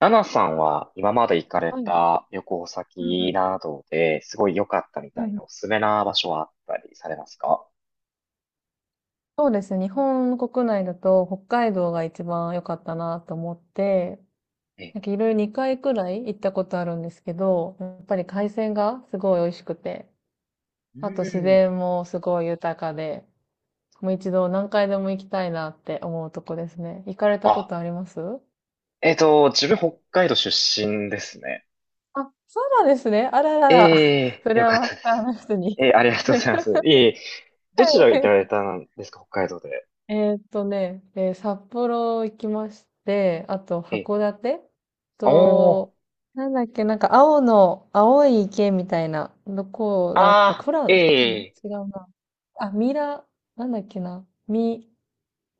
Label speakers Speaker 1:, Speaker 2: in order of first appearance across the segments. Speaker 1: ナナさんは今まで行かれ
Speaker 2: はい。
Speaker 1: た旅行
Speaker 2: うんう
Speaker 1: 先
Speaker 2: ん。
Speaker 1: などですごい良かったみ
Speaker 2: う
Speaker 1: た
Speaker 2: ん
Speaker 1: い
Speaker 2: うん。
Speaker 1: なおすすめな場所はあったりされますか？
Speaker 2: そうですね。日本国内だと北海道が一番良かったなと思って、
Speaker 1: え、
Speaker 2: なんかいろいろ2回くらい行ったことあるんですけど、やっぱり海鮮がすごい美味しくて、
Speaker 1: う
Speaker 2: あと自
Speaker 1: ん。
Speaker 2: 然もすごい豊かで、もう一度何回でも行きたいなって思うとこですね。行かれたこ
Speaker 1: あ、
Speaker 2: とあります？
Speaker 1: 自分北海道出身ですね。
Speaker 2: あ、そうなんですね。あららら。
Speaker 1: え
Speaker 2: そ
Speaker 1: え、
Speaker 2: れ
Speaker 1: よ
Speaker 2: は
Speaker 1: かっ
Speaker 2: マ
Speaker 1: た
Speaker 2: ス
Speaker 1: で
Speaker 2: ター
Speaker 1: す。
Speaker 2: の人
Speaker 1: え
Speaker 2: に。
Speaker 1: え、ありがとうございま す。いえいえ、
Speaker 2: は
Speaker 1: どちら行かれ
Speaker 2: い。
Speaker 1: たんですか、北海道で。
Speaker 2: えーっとね、えー札幌行きまして、あと
Speaker 1: ええ、
Speaker 2: 函館
Speaker 1: おー、
Speaker 2: と、なんだっけ、なんか青い池みたいな、どこだった富良
Speaker 1: あー、
Speaker 2: 野、富良
Speaker 1: ええ、
Speaker 2: 野違うな。あ、ミラ、なんだっけな。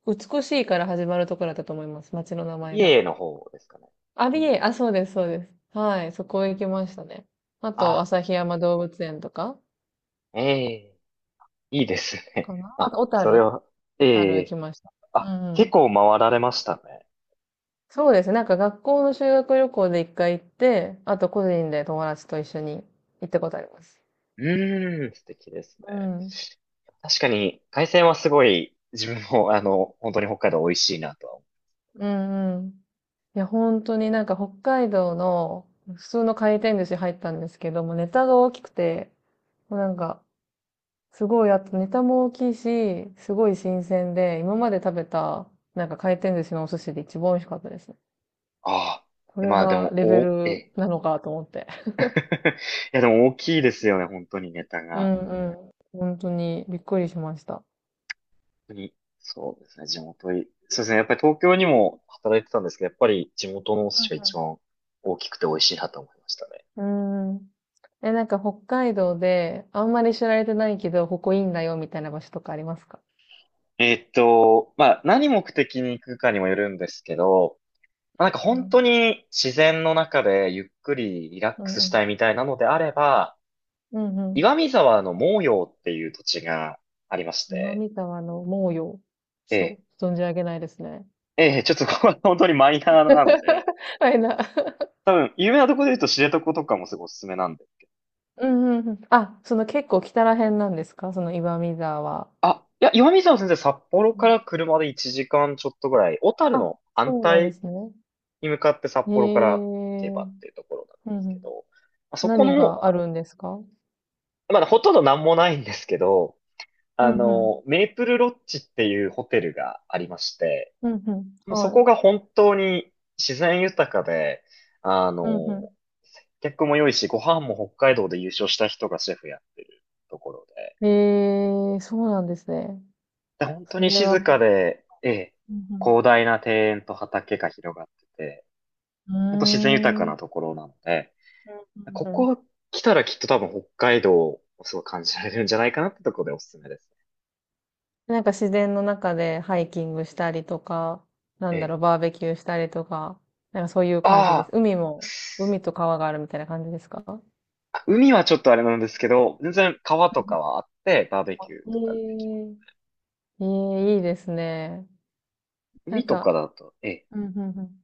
Speaker 2: 美しいから始まるところだったと思います。町の名前が。
Speaker 1: 美瑛の方ですかね。
Speaker 2: ア
Speaker 1: い
Speaker 2: ビエイ、あ、
Speaker 1: い、
Speaker 2: そうです、そうです。はい、そこ行きましたね。あと、
Speaker 1: あ、
Speaker 2: 旭山動物園とか
Speaker 1: ええ、いいですね。
Speaker 2: かな。あと、
Speaker 1: あ、
Speaker 2: 小
Speaker 1: それ
Speaker 2: 樽
Speaker 1: は、え
Speaker 2: 行き
Speaker 1: え、
Speaker 2: ました。う
Speaker 1: あ、
Speaker 2: んう
Speaker 1: 結
Speaker 2: ん。
Speaker 1: 構回られましたね。
Speaker 2: そうですね。なんか学校の修学旅行で1回行って、あと個人で友達と一緒に行ったことあります。
Speaker 1: うーん、素敵です
Speaker 2: う
Speaker 1: ね。
Speaker 2: ん。
Speaker 1: 確かに、海鮮はすごい、自分も、本当に北海道美味しいなとは思う。
Speaker 2: うんうん。いや、本当になんか北海道の普通の回転寿司入ったんですけども、ネタが大きくて、もうなんか、すごい、あとネタも大きいし、すごい新鮮で、今まで食べた、なんか回転寿司のお寿司で一番美味しかったですね。
Speaker 1: ああ。
Speaker 2: こ
Speaker 1: いや
Speaker 2: れ
Speaker 1: まあで
Speaker 2: が
Speaker 1: も、
Speaker 2: レベ
Speaker 1: お、え
Speaker 2: ル
Speaker 1: え、
Speaker 2: なのかと思って。
Speaker 1: いやでも大きいですよね、本当にネタ
Speaker 2: う
Speaker 1: が。
Speaker 2: んうん。本当にびっくりしました。
Speaker 1: 本当に、そうですね、地元い、そうですね、やっぱり東京にも働いてたんですけど、やっぱり地元のお寿
Speaker 2: う
Speaker 1: 司が
Speaker 2: うん、
Speaker 1: 一
Speaker 2: ん。
Speaker 1: 番大きくて美味しいなと思いましたね。
Speaker 2: うーん。え、なんか北海道で、あんまり知られてないけど、ここいいんだよ、みたいな場所とかありますか？
Speaker 1: まあ何目的に行くかにもよるんですけど、まあなんか
Speaker 2: う
Speaker 1: 本当
Speaker 2: ん。
Speaker 1: に自然の中でゆっくりリラッ
Speaker 2: う
Speaker 1: ク
Speaker 2: ん
Speaker 1: ス
Speaker 2: う
Speaker 1: し
Speaker 2: ん。
Speaker 1: たいみたいなのであれば、
Speaker 2: うんうん。
Speaker 1: 岩見沢の毛陽っていう土地がありまし
Speaker 2: 今
Speaker 1: て、
Speaker 2: 見たわの猛陽。
Speaker 1: え
Speaker 2: ちょ
Speaker 1: え、
Speaker 2: っと、存じ上げないですね。
Speaker 1: ええ、ちょっとここは本当にマイナーなので、
Speaker 2: はいな。
Speaker 1: 多分有名なところで言うと知床とかもすごいおすすめなんですけど。
Speaker 2: うんうんうん。あ、その結構北ら辺なんですか？その岩見沢は。
Speaker 1: あ、いや、岩見沢先生札幌
Speaker 2: う
Speaker 1: か
Speaker 2: ん。
Speaker 1: ら車で1時間ちょっとぐらい、小樽
Speaker 2: あ、
Speaker 1: の反
Speaker 2: そうなん
Speaker 1: 対
Speaker 2: ですね。
Speaker 1: に向かって札
Speaker 2: へ
Speaker 1: 幌から行け
Speaker 2: え。う
Speaker 1: ばっ
Speaker 2: ん
Speaker 1: ていうところなん
Speaker 2: う
Speaker 1: ですけ
Speaker 2: ん。
Speaker 1: ど、まあそこ
Speaker 2: 何
Speaker 1: の、
Speaker 2: があるんですか？
Speaker 1: まだほとんどなんもないんですけど、
Speaker 2: うん
Speaker 1: あ
Speaker 2: うん。
Speaker 1: の、メープルロッジっていうホテルがありまして、
Speaker 2: うんうん。
Speaker 1: もうそ
Speaker 2: は
Speaker 1: こが
Speaker 2: い。
Speaker 1: 本当に自然豊かで、あ
Speaker 2: うんう
Speaker 1: の、客も良いし、ご飯も北海道で優勝した人がシェフやってるところで、
Speaker 2: ん。へえ、そうなんですね。
Speaker 1: で本当
Speaker 2: そ
Speaker 1: に
Speaker 2: れは
Speaker 1: 静か
Speaker 2: も
Speaker 1: で、ええ、
Speaker 2: う、うん
Speaker 1: 広大な庭園と畑が広がってて、
Speaker 2: う
Speaker 1: 本当自然豊
Speaker 2: ん、
Speaker 1: か
Speaker 2: うーん、う
Speaker 1: な
Speaker 2: ん
Speaker 1: ところなので、こ
Speaker 2: うんうん。
Speaker 1: こ来たらきっと多分北海道をすごい感じられるんじゃないかなってところでおすすめですね。
Speaker 2: なんか自然の中でハイキングしたりとか、な
Speaker 1: え
Speaker 2: んだ
Speaker 1: え、
Speaker 2: ろう、バーベキューしたりとか、なんかそういう感じ
Speaker 1: あ
Speaker 2: です。
Speaker 1: あ、
Speaker 2: 海も、海と川があるみたいな感じですか？う
Speaker 1: あ、海はちょっとあれなんですけど、全然川とか
Speaker 2: ん
Speaker 1: はあって、バーベキュー
Speaker 2: う
Speaker 1: とかできま
Speaker 2: んう
Speaker 1: す。
Speaker 2: ん。ええ、ええ、いいですね。な
Speaker 1: 海
Speaker 2: ん
Speaker 1: とか
Speaker 2: か、
Speaker 1: だと、ええ、
Speaker 2: うんうんうん。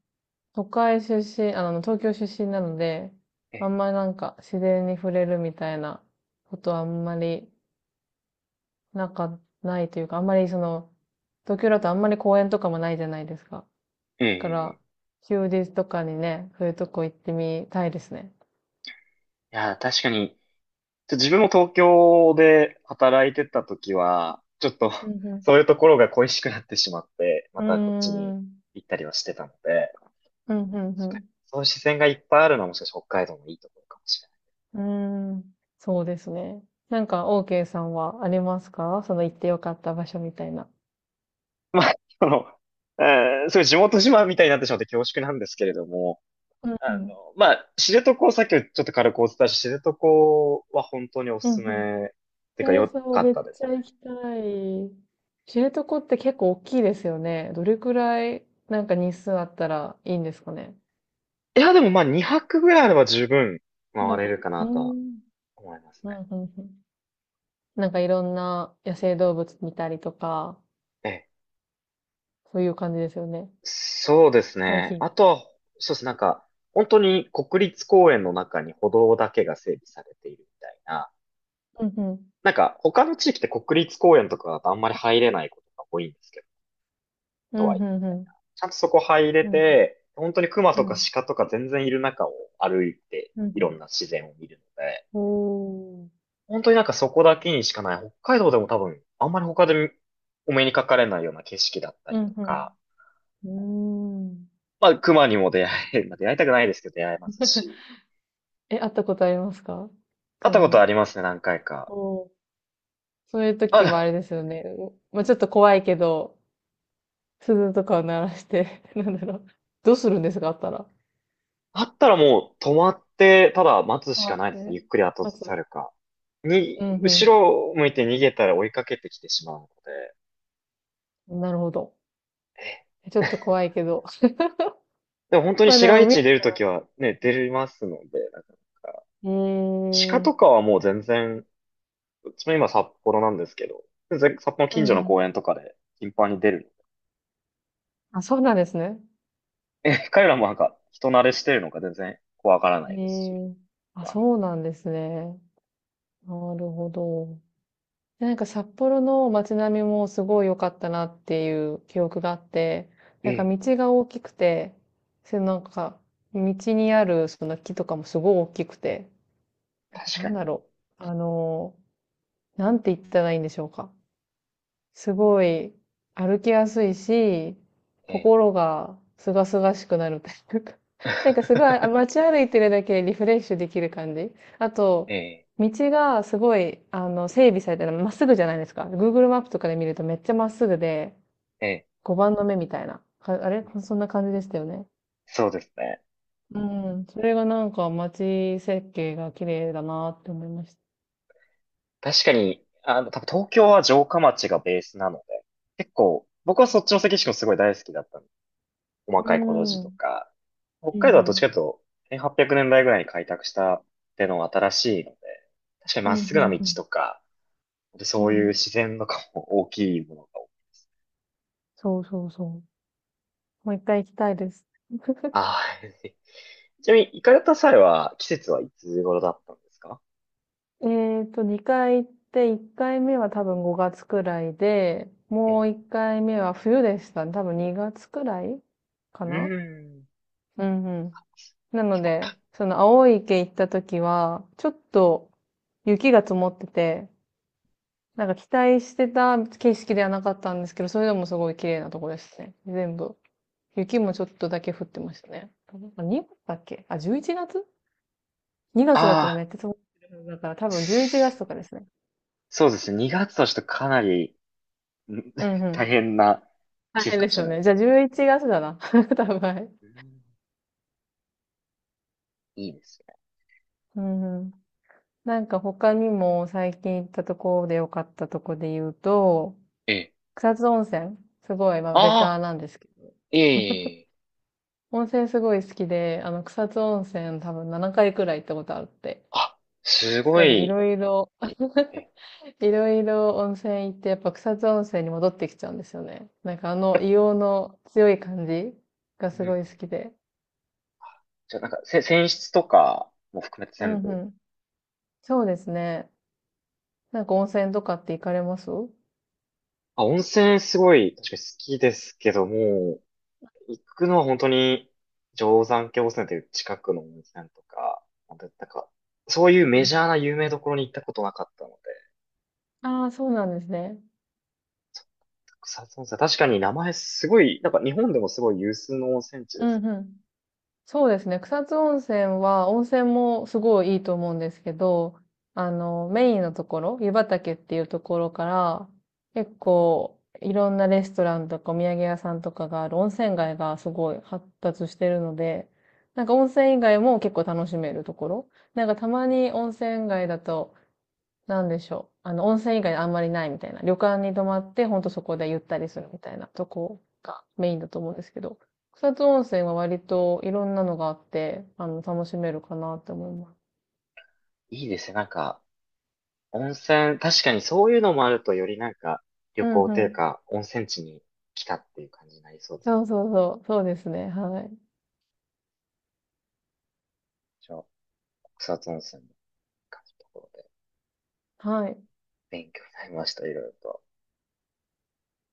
Speaker 2: 都会出身、あの、東京出身なので、
Speaker 1: え
Speaker 2: あ
Speaker 1: え、
Speaker 2: んまりなんか自然に触れるみたいなことはあんまりなんか、ないというか、あんまりその、東京だとあんまり公園とかもないじゃないですか。
Speaker 1: え
Speaker 2: だから、
Speaker 1: え、ええ、
Speaker 2: 休日とかにね、そういうとこ行ってみたいですね。
Speaker 1: いや、確かに、自分も東京で働いてた時は、ちょっと
Speaker 2: うん
Speaker 1: そういうところが恋しくなってしまって、ま
Speaker 2: う
Speaker 1: たこっちに
Speaker 2: ん。うーん。
Speaker 1: 行ったりはしてたので、
Speaker 2: うん、う
Speaker 1: 確かに
Speaker 2: ん、
Speaker 1: そういう視線がいっぱいあるのはもしかして北海道のいいところかもしれ
Speaker 2: うん。うーん。そうですね。なんか、OK さんはありますか？その行ってよかった場所みたいな。
Speaker 1: ない。まあ、その、そういう地元島みたいになってしまって恐縮なんですけれども、
Speaker 2: うんう
Speaker 1: あ
Speaker 2: ん。
Speaker 1: の、まあ、知床、さっきちょっと軽くお伝えした知床は本当にお
Speaker 2: う
Speaker 1: すす
Speaker 2: ん
Speaker 1: め、て
Speaker 2: うん。
Speaker 1: か
Speaker 2: えー、
Speaker 1: 良
Speaker 2: そう、
Speaker 1: かっ
Speaker 2: めっ
Speaker 1: たで
Speaker 2: ち
Speaker 1: す
Speaker 2: ゃ行きたい。知床って結構大きいですよね。どれくらい、なんか日数あったらいいんですかね。
Speaker 1: ね。いや、でもまあ2泊ぐらいあれば十分
Speaker 2: な
Speaker 1: 回
Speaker 2: ん
Speaker 1: れ
Speaker 2: か、
Speaker 1: るか
Speaker 2: う
Speaker 1: な
Speaker 2: ー
Speaker 1: とは
Speaker 2: ん。
Speaker 1: 思います
Speaker 2: う
Speaker 1: ね。
Speaker 2: ん、うん、うん。なんかいろんな野生動物見たりとか、
Speaker 1: ええ、
Speaker 2: そういう感じですよね。
Speaker 1: そうです
Speaker 2: ハイ
Speaker 1: ね。
Speaker 2: キン
Speaker 1: あとは、そうですね。なんか、本当に国立公園の中に歩道だけが整備されているみたいな。
Speaker 2: グ。うん、うん。
Speaker 1: なんか、他の地域って国立公園とかだとあんまり入れないことが多いんですけど、
Speaker 2: う
Speaker 1: と
Speaker 2: ん、う
Speaker 1: はいえ。
Speaker 2: ん、うん。
Speaker 1: ちゃんとそこ入れ
Speaker 2: うん、
Speaker 1: て、本当に熊
Speaker 2: う
Speaker 1: とか
Speaker 2: ん。
Speaker 1: 鹿とか全然いる中を歩いて、
Speaker 2: うん、う
Speaker 1: い
Speaker 2: ん。
Speaker 1: ろんな自然を見るので、
Speaker 2: おー。
Speaker 1: 本当になんかそこだけにしかない、北海道でも多分、あんまり他でお目にかかれないような景色だった
Speaker 2: う
Speaker 1: り
Speaker 2: ん、
Speaker 1: と
Speaker 2: う
Speaker 1: か、
Speaker 2: ん。うーん。
Speaker 1: まあ、熊にも出会え、まあ、出会いたくないですけど出会えますし、
Speaker 2: え、会ったことありますか？
Speaker 1: 会った
Speaker 2: 熊
Speaker 1: こと
Speaker 2: に。
Speaker 1: ありますね、何回か。
Speaker 2: おー。そういう時は
Speaker 1: あ、
Speaker 2: あれですよね。まあ、ちょっと怖いけど、鈴とかを鳴らして、なんだろう。どうするんですかあったら？
Speaker 1: あったらもう止まって、ただ待つしか
Speaker 2: 待
Speaker 1: な
Speaker 2: っ
Speaker 1: いですね、ゆ
Speaker 2: て。
Speaker 1: っくり後ず
Speaker 2: 待
Speaker 1: さる
Speaker 2: つ。
Speaker 1: か。
Speaker 2: うん、うん。
Speaker 1: 後ろを向いて逃げたら追いかけてきてしまうので、
Speaker 2: うんなるほど。
Speaker 1: え
Speaker 2: ちょっと怖いけど。
Speaker 1: でも本当に
Speaker 2: まあ
Speaker 1: 市
Speaker 2: でも
Speaker 1: 街地に出るときはね、出れますので、なかなか。
Speaker 2: ええ、
Speaker 1: 鹿
Speaker 2: う
Speaker 1: と
Speaker 2: ん
Speaker 1: かはもう全然、うちも今札幌なんですけど、全然札幌の
Speaker 2: う
Speaker 1: 近所の
Speaker 2: ん。
Speaker 1: 公園とかで頻繁に出る。
Speaker 2: あ、そうなんですね。
Speaker 1: え、彼らもなんか人慣れしてるのか全然怖がらない
Speaker 2: え
Speaker 1: ですし。
Speaker 2: え、あ、
Speaker 1: あの
Speaker 2: そうなんですね。なるほど。でなんか札幌の街並みもすごい良かったなっていう記憶があって、
Speaker 1: え
Speaker 2: なんか
Speaker 1: え、
Speaker 2: 道が大きくて、それなんか道にあるその木とかもすごい大きくて、なんか
Speaker 1: 確
Speaker 2: な
Speaker 1: か
Speaker 2: んだ
Speaker 1: に。
Speaker 2: ろう。あの、なんて言ったらいいんでしょうか。すごい歩きやすいし、
Speaker 1: ええ、
Speaker 2: 心がすがすがしくなるというか、なんかすごいあ 街歩いてるだけでリフレッシュできる感じ。あ
Speaker 1: え
Speaker 2: と、
Speaker 1: え、
Speaker 2: 道がすごい、あの、整備されてる、まっすぐじゃないですか。Google マップとかで見るとめっちゃまっすぐで、
Speaker 1: ええ、
Speaker 2: 5番の目みたいな。かあれそんな感じでしたよね。
Speaker 1: そうですね。
Speaker 2: うん。それがなんか街設計が綺麗だなって思いました。
Speaker 1: 確かに、あの、多分東京は城下町がベースなので、結構、僕はそっちの関市もすごい大好きだったんです、細
Speaker 2: う
Speaker 1: かいコロジ
Speaker 2: ん。う
Speaker 1: と
Speaker 2: ん
Speaker 1: か、北
Speaker 2: う
Speaker 1: 海道はどっちかとい
Speaker 2: ん。
Speaker 1: うと、1800年代ぐらいに開拓したってのが新しいので、確かに
Speaker 2: う
Speaker 1: まっ
Speaker 2: ん
Speaker 1: す
Speaker 2: う
Speaker 1: ぐな道
Speaker 2: ん
Speaker 1: とか、
Speaker 2: う
Speaker 1: そ
Speaker 2: ん。
Speaker 1: う
Speaker 2: う
Speaker 1: いう
Speaker 2: ん。
Speaker 1: 自然とかも大きいものが多いです。
Speaker 2: そうそうそう。もう1回行きたいです。
Speaker 1: ああ、ちなみに行かれた際は季節はいつ頃だったんですか？
Speaker 2: えっと、2回行って、1回目は多分5月くらいで、
Speaker 1: え
Speaker 2: も
Speaker 1: え、
Speaker 2: う1回目は冬でしたね。多分2月くらいか
Speaker 1: う
Speaker 2: な。
Speaker 1: ーん。
Speaker 2: うんうん。なの
Speaker 1: 結構
Speaker 2: で、
Speaker 1: た
Speaker 2: その青い池行った時は、ちょっと雪が積もってて、なんか期待してた景色ではなかったんですけど、それでもすごい綺麗なとこでしたね。全部。雪もちょっとだけ降ってましたね。なんか2月だっけ？あ、11月。2月だったらめ
Speaker 1: あ
Speaker 2: っちゃ積もってるはずだから多
Speaker 1: あ、
Speaker 2: 分11月とかですね。
Speaker 1: そうですね。2月としてかなりん
Speaker 2: うんう
Speaker 1: 大
Speaker 2: ん。
Speaker 1: 変な
Speaker 2: 大
Speaker 1: 季節
Speaker 2: 変
Speaker 1: か
Speaker 2: で
Speaker 1: も
Speaker 2: す
Speaker 1: しれ
Speaker 2: よ
Speaker 1: ない
Speaker 2: ね。
Speaker 1: で
Speaker 2: じゃ
Speaker 1: す
Speaker 2: あ
Speaker 1: ね。
Speaker 2: 11
Speaker 1: ええ、
Speaker 2: 月だな。多分、はい。
Speaker 1: うん、いいですね。
Speaker 2: うんうん。なんか他にも最近行ったところで良かったとこで言うと、
Speaker 1: ええ。
Speaker 2: 草津温泉。すごい、まあベター
Speaker 1: あ、
Speaker 2: なんですけど。
Speaker 1: いえいえいえ。
Speaker 2: 温泉すごい好きで、あの草津温泉多分7回くらい行ったことあって。
Speaker 1: あ、すご
Speaker 2: やっぱりい
Speaker 1: い。
Speaker 2: ろいろ
Speaker 1: え、
Speaker 2: いろいろ温泉行って、やっぱ草津温泉に戻ってきちゃうんですよね。なんかあ
Speaker 1: や
Speaker 2: の
Speaker 1: っ
Speaker 2: 硫黄の強い感じが
Speaker 1: うん
Speaker 2: す
Speaker 1: う
Speaker 2: ご
Speaker 1: ん、
Speaker 2: い好きで。
Speaker 1: じゃあなんか、泉質とかも含めて
Speaker 2: う
Speaker 1: 全
Speaker 2: ん
Speaker 1: 部。
Speaker 2: うん。そうですね。なんか温泉とかって行かれます？うん
Speaker 1: あ、温泉すごい、確かに好きですけども、行くのは本当に、定山渓温泉という近くの温泉とか、なんかそういう
Speaker 2: う
Speaker 1: メジ
Speaker 2: ん。
Speaker 1: ャーな有名どころに行ったことなかったので、
Speaker 2: ああ、そうなんですね。
Speaker 1: 草津温泉、確かに名前すごい、なんか日本でもすごい有数の温泉地で
Speaker 2: う
Speaker 1: す。
Speaker 2: んうん。そうですね。草津温泉は、温泉もすごいいいと思うんですけど、あの、メインのところ、湯畑っていうところから、結構、いろんなレストランとかお土産屋さんとかがある温泉街がすごい発達してるので、なんか温泉以外も結構楽しめるところ。なんかたまに温泉街だと、なんでしょう。あの、温泉以外あんまりないみたいな。旅館に泊まって、ほんとそこでゆったりするみたいなとこがメインだと思うんですけど、草津温泉は割といろんなのがあって、あの、楽しめるかなって思います。
Speaker 1: いいですね、なんか。温泉、確かにそういうのもあるとよりなんか旅
Speaker 2: うん
Speaker 1: 行
Speaker 2: う
Speaker 1: という
Speaker 2: ん。
Speaker 1: か温泉地に来たっていう感じになりそうです。
Speaker 2: そうそうそう。そうですね。はい。
Speaker 1: じゃあ、草津温泉の感じのところで
Speaker 2: はい。
Speaker 1: 勉強になりました、いろいろと。